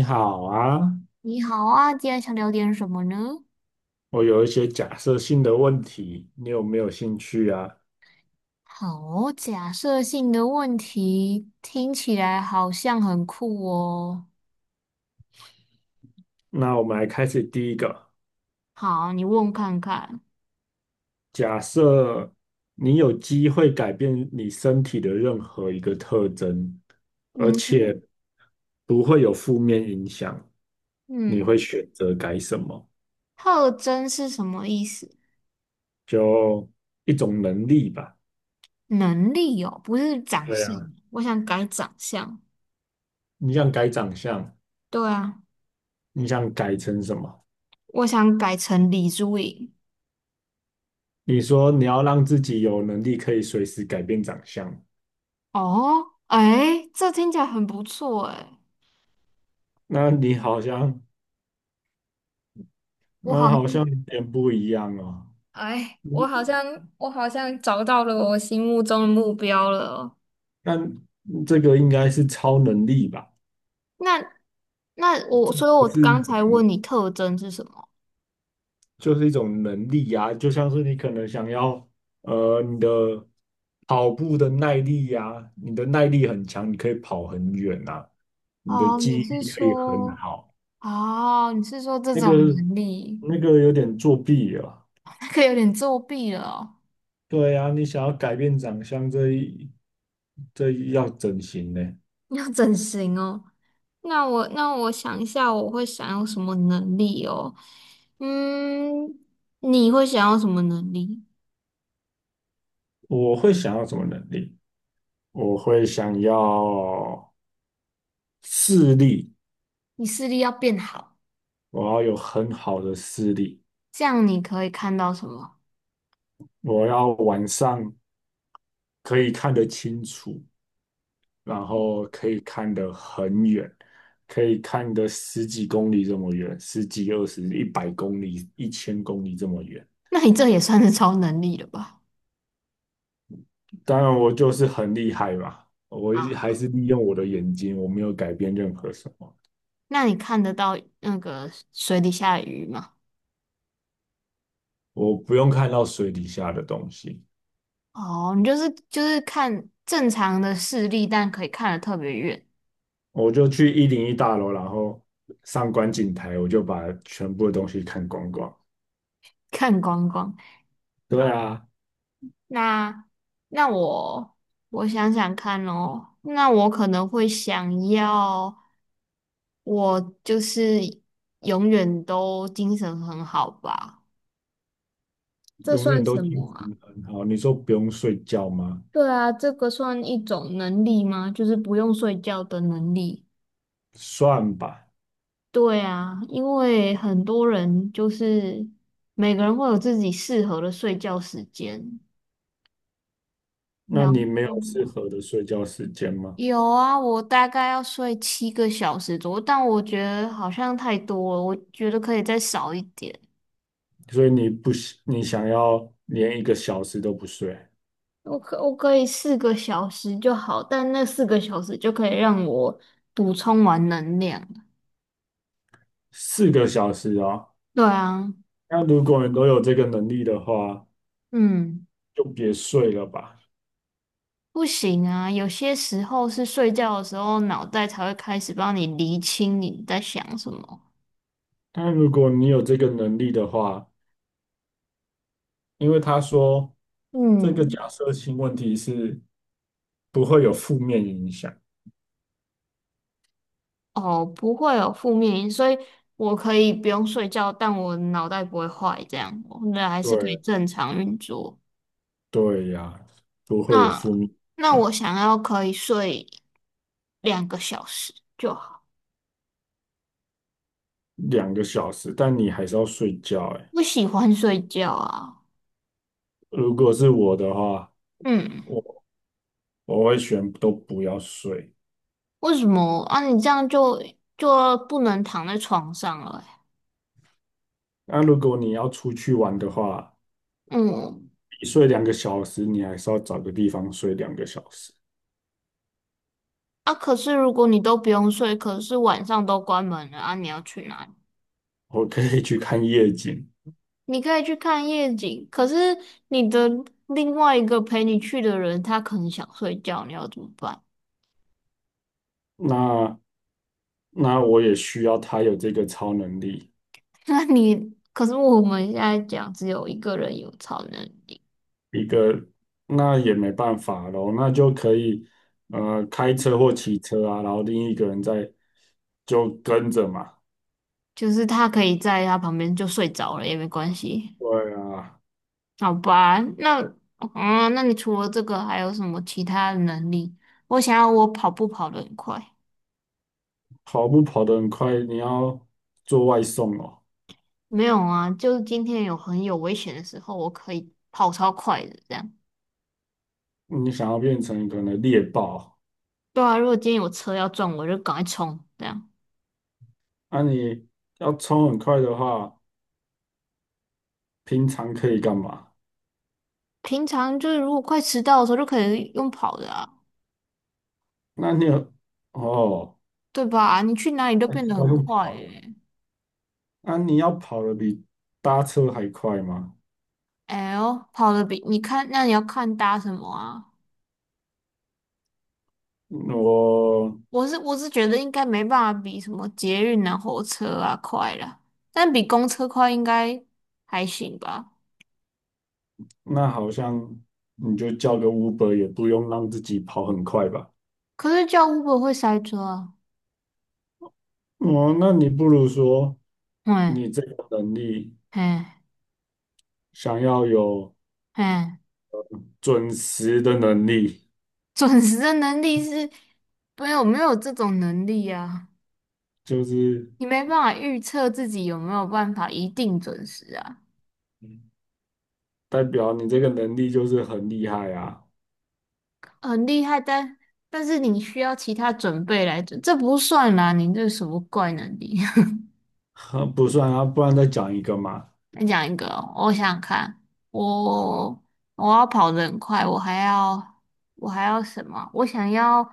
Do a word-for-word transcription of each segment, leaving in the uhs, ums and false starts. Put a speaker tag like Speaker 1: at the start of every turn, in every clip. Speaker 1: 你好啊，
Speaker 2: 你好啊，今天想聊点什么呢？
Speaker 1: 我有一些假设性的问题，你有没有兴趣啊？
Speaker 2: 好，假设性的问题听起来好像很酷哦。
Speaker 1: 那我们来开始第一个，
Speaker 2: 好，你问看看。
Speaker 1: 假设你有机会改变你身体的任何一个特征，而
Speaker 2: 嗯哼，
Speaker 1: 且不会有负面影响，你
Speaker 2: 嗯，
Speaker 1: 会选择改什么？
Speaker 2: 特征是什么意思？
Speaker 1: 就一种能力吧。
Speaker 2: 能力哦，不是长
Speaker 1: 对
Speaker 2: 相。
Speaker 1: 啊，
Speaker 2: 我想改长相。
Speaker 1: 你想改长相，
Speaker 2: 对啊，
Speaker 1: 你想改成什么？
Speaker 2: 我想改成李珠颖。
Speaker 1: 你说你要让自己有能力可以随时改变长相。
Speaker 2: 哦，哎，这听起来很不错哎。
Speaker 1: 那你好像，
Speaker 2: 我
Speaker 1: 那
Speaker 2: 好像，
Speaker 1: 好像有点不一样哦。
Speaker 2: 哎，我
Speaker 1: 你
Speaker 2: 好像，我好像找到了我心目中的目标了。
Speaker 1: 那这个应该是超能力吧？
Speaker 2: 那那我，
Speaker 1: 这
Speaker 2: 所以
Speaker 1: 不
Speaker 2: 我
Speaker 1: 是
Speaker 2: 刚才
Speaker 1: 人，
Speaker 2: 问你特征是什么？
Speaker 1: 就是一种能力呀、就像是你可能想要，呃，你的跑步的耐力呀、你的耐力很强，你可以跑很远呐。你的
Speaker 2: 哦，
Speaker 1: 记
Speaker 2: 你
Speaker 1: 忆
Speaker 2: 是
Speaker 1: 力可以很
Speaker 2: 说，
Speaker 1: 好。
Speaker 2: 哦，你是说这
Speaker 1: 那
Speaker 2: 种
Speaker 1: 个
Speaker 2: 能力。
Speaker 1: 那个有点作弊了。
Speaker 2: 那个有点作弊了哦。
Speaker 1: 对呀、你想要改变长相，这一这一要整形呢？
Speaker 2: 要整形哦。那我那我想一下，我会想要什么能力哦？嗯，你会想要什么能力？
Speaker 1: 我会想要什么能力？我会想要视力，
Speaker 2: 你视力要变好，
Speaker 1: 我要有很好的视力，
Speaker 2: 这样你可以看到什么？
Speaker 1: 我要晚上可以看得清楚，然后可以看得很远，可以看得十几公里这么远，十几、二十、一百公里、一千公里这么远。
Speaker 2: 那你这也算是超能力了吧？
Speaker 1: 当然，我就是很厉害嘛，我一还
Speaker 2: 啊，
Speaker 1: 是利用我的眼睛，我没有改变任何什么，
Speaker 2: 那你看得到那个水底下的鱼吗？
Speaker 1: 我不用看到水底下的东西。
Speaker 2: 哦，你就是就是看正常的视力，但可以看得特别远。
Speaker 1: 我就去一零一大楼，然后上观景台，我就把全部的东西看光光。
Speaker 2: 看光光。
Speaker 1: 对
Speaker 2: 好，
Speaker 1: 啊，
Speaker 2: 那那我我想想看哦。那我可能会想要，我就是永远都精神很好吧？这
Speaker 1: 永
Speaker 2: 算
Speaker 1: 远都
Speaker 2: 什
Speaker 1: 精
Speaker 2: 么啊？
Speaker 1: 神很好。你说不用睡觉吗？
Speaker 2: 对啊，这个算一种能力吗？就是不用睡觉的能力。
Speaker 1: 算吧。
Speaker 2: 对啊，因为很多人就是每个人会有自己适合的睡觉时间。
Speaker 1: 那
Speaker 2: 然
Speaker 1: 你没
Speaker 2: 后
Speaker 1: 有适合的睡觉时间吗？
Speaker 2: 有啊，我大概要睡七个小时左右，但我觉得好像太多了，我觉得可以再少一点。
Speaker 1: 所以你不喜，你想要连一个小时都不睡，
Speaker 2: 我可我可以四个小时就好，但那四个小时就可以让我补充完能量。
Speaker 1: 四个小时哦。
Speaker 2: 对啊，
Speaker 1: 那如果你都有这个能力的话，
Speaker 2: 嗯，
Speaker 1: 就别睡了吧。
Speaker 2: 不行啊，有些时候是睡觉的时候，脑袋才会开始帮你厘清你在想什么。
Speaker 1: 但如果你有这个能力的话，因为他说这个
Speaker 2: 嗯。
Speaker 1: 假设性问题是。不会有负面影响。
Speaker 2: 哦，不会有负面因，所以我可以不用睡觉，但我脑袋不会坏，这样我那还是可以
Speaker 1: 对，
Speaker 2: 正常运作。
Speaker 1: 对呀，不会有负
Speaker 2: 那
Speaker 1: 面影
Speaker 2: 那
Speaker 1: 响。
Speaker 2: 我想要可以睡两个小时就好，
Speaker 1: 两个小时，但你还是要睡觉哎。
Speaker 2: 不喜欢睡觉啊。
Speaker 1: 如果是我的话，
Speaker 2: 嗯，
Speaker 1: 我我会选都不要睡。
Speaker 2: 为什么啊？你这样就就不能躺在床上了
Speaker 1: 那如果你要出去玩的话，
Speaker 2: 欸、嗯。
Speaker 1: 你睡两个小时，你还是要找个地方睡两个小时。
Speaker 2: 啊，可是如果你都不用睡，可是晚上都关门了啊，你要去哪里？
Speaker 1: 我可以去看夜景。
Speaker 2: 你可以去看夜景，可是你的另外一个陪你去的人，他可能想睡觉，你要怎么办？
Speaker 1: 那那我也需要他有这个超能力。
Speaker 2: 那你，可是我们现在讲只有一个人有超能力，
Speaker 1: 一个，那也没办法咯，那就可以呃开车或骑车啊，然后另一个人在就跟着嘛。
Speaker 2: 就是他可以在他旁边就睡着了也没关系。
Speaker 1: 对啊，
Speaker 2: 好吧？那，啊，那你除了这个还有什么其他的能力？我想要我跑步跑得很快。
Speaker 1: 跑步跑得很快，你要做外送哦。
Speaker 2: 没有啊，就是今天有很有危险的时候，我可以跑超快的这样。
Speaker 1: 你想要变成可能猎豹，
Speaker 2: 对啊，如果今天有车要撞我，就赶快冲这样。
Speaker 1: 那、你要冲很快的话，平常可以干嘛？
Speaker 2: 平常就是如果快迟到的时候，就可以用跑的啊，
Speaker 1: 那你有哦，
Speaker 2: 对吧？你去哪里都变得
Speaker 1: 要
Speaker 2: 很
Speaker 1: 用
Speaker 2: 快
Speaker 1: 跑的。
Speaker 2: 诶、
Speaker 1: 那、你要跑得比搭车还快吗？
Speaker 2: 哎呦，跑的比你看，那你要看搭什么啊？
Speaker 1: 我
Speaker 2: 我是我是觉得应该没办法比什么捷运啊、火车啊快了，但比公车快应该还行吧。
Speaker 1: 那好像你就叫个 Uber 也不用让自己跑很快吧？
Speaker 2: 可是叫 Uber 会塞车啊。
Speaker 1: 哦，那你不如说
Speaker 2: 嗯
Speaker 1: 你这个能力
Speaker 2: 嗯
Speaker 1: 想要有
Speaker 2: 嗯。
Speaker 1: 准时的能力，
Speaker 2: 准时的能力是没有没有这种能力啊，
Speaker 1: 就是
Speaker 2: 你没办法预测自己有没有办法一定准时啊。
Speaker 1: 嗯代表你这个能力就是很厉害啊。
Speaker 2: 很厉害，但但是你需要其他准备来准，这不算啦，你这什么怪能力？
Speaker 1: 呵不算啊，不然再讲一个嘛。
Speaker 2: 再讲一个哦，我想想看。我我要跑得很快，我还要我还要什么？我想要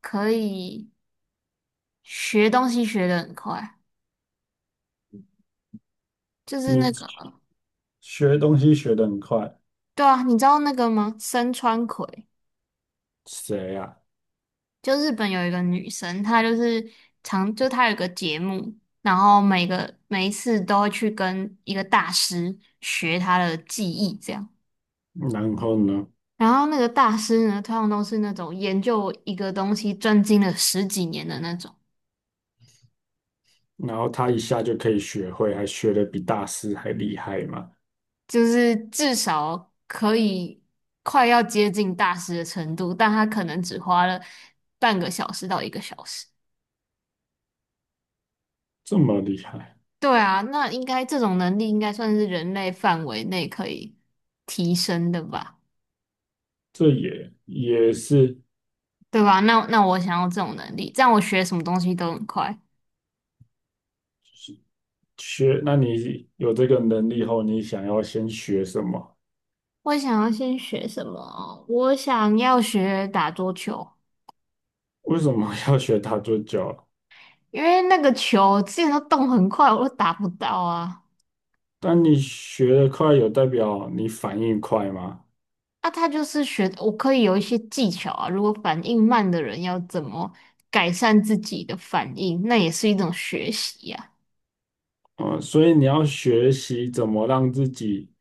Speaker 2: 可以学东西学得很快，就是那个，
Speaker 1: 你学东西学得很快，
Speaker 2: 对啊，你知道那个吗？身川葵。
Speaker 1: 谁呀、
Speaker 2: 就日本有一个女生，她就是常，就她有一个节目，然后每个每一次都会去跟一个大师学她的技艺，这样。
Speaker 1: 然后呢？
Speaker 2: 然后那个大师呢，通常都是那种研究一个东西专精了十几年的那种，
Speaker 1: 然后他一下就可以学会，还学得比大师还厉害嘛？
Speaker 2: 就是至少可以快要接近大师的程度，但他可能只花了半个小时到一个小时。
Speaker 1: 这么厉害。
Speaker 2: 对啊，那应该这种能力应该算是人类范围内可以提升的吧。
Speaker 1: 这也也是
Speaker 2: 对吧？那那我想要这种能力，这样我学什么东西都很快。
Speaker 1: 学。那你有这个能力后，你想要先学什么？
Speaker 2: 我想要先学什么啊，我想要学打桌球，
Speaker 1: 为什么要学打桌球？
Speaker 2: 因为那个球之前都动很快，我都打不到啊。
Speaker 1: 但你学得快，有代表你反应快吗？
Speaker 2: 啊，他就是学，我可以有一些技巧啊。如果反应慢的人要怎么改善自己的反应，那也是一种学习呀、
Speaker 1: 嗯，所以你要学习怎么让自己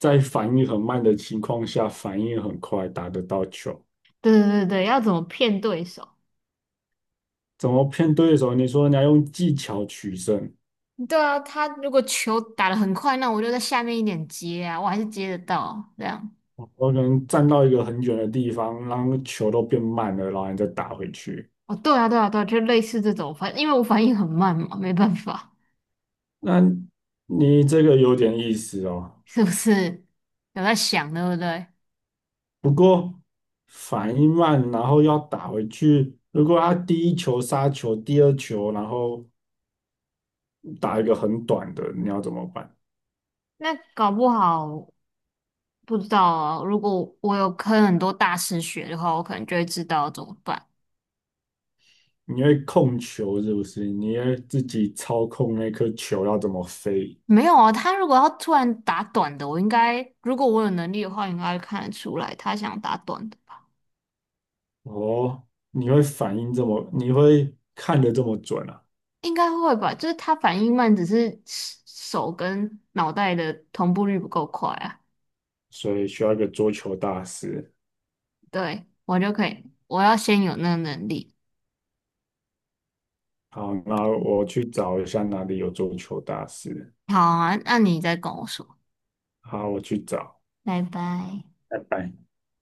Speaker 1: 在反应很慢的情况下，反应很快，打得到球。
Speaker 2: 对对对对，要怎么骗对手？
Speaker 1: 怎么骗对手？你说你要用技巧取胜，
Speaker 2: 对啊，他如果球打得很快，那我就在下面一点接啊，我还是接得到啊这样。
Speaker 1: 我可能站到一个很远的地方，让球都变慢了，然后你再打回去。
Speaker 2: 哦，对啊，对啊，对啊，就类似这种反，因为我反应很慢嘛，没办法，
Speaker 1: 那你这个有点意思哦。
Speaker 2: 是不是？有在想，对不对？
Speaker 1: 不过反应慢，然后要打回去。如果他第一球杀球，第二球然后打一个很短的，你要怎么办？
Speaker 2: 那搞不好不知道啊。如果我有跟很多大师学的话，我可能就会知道怎么办。
Speaker 1: 你会控球是不是？你会自己操控那颗球要怎么飞？
Speaker 2: 没有啊，他如果要突然打短的，我应该，如果我有能力的话，应该看得出来他想打短的吧？
Speaker 1: 哦，你会反应这么，你会看得这么准啊？
Speaker 2: 应该会吧？就是他反应慢，只是手跟脑袋的同步率不够快啊。
Speaker 1: 所以需要一个桌球大师。
Speaker 2: 对，我就可以，我要先有那个能力。
Speaker 1: 好，那我去找一下哪里有桌球大师。
Speaker 2: 好啊，那你再跟我说，
Speaker 1: 好，我去找，
Speaker 2: 拜拜。
Speaker 1: 拜拜。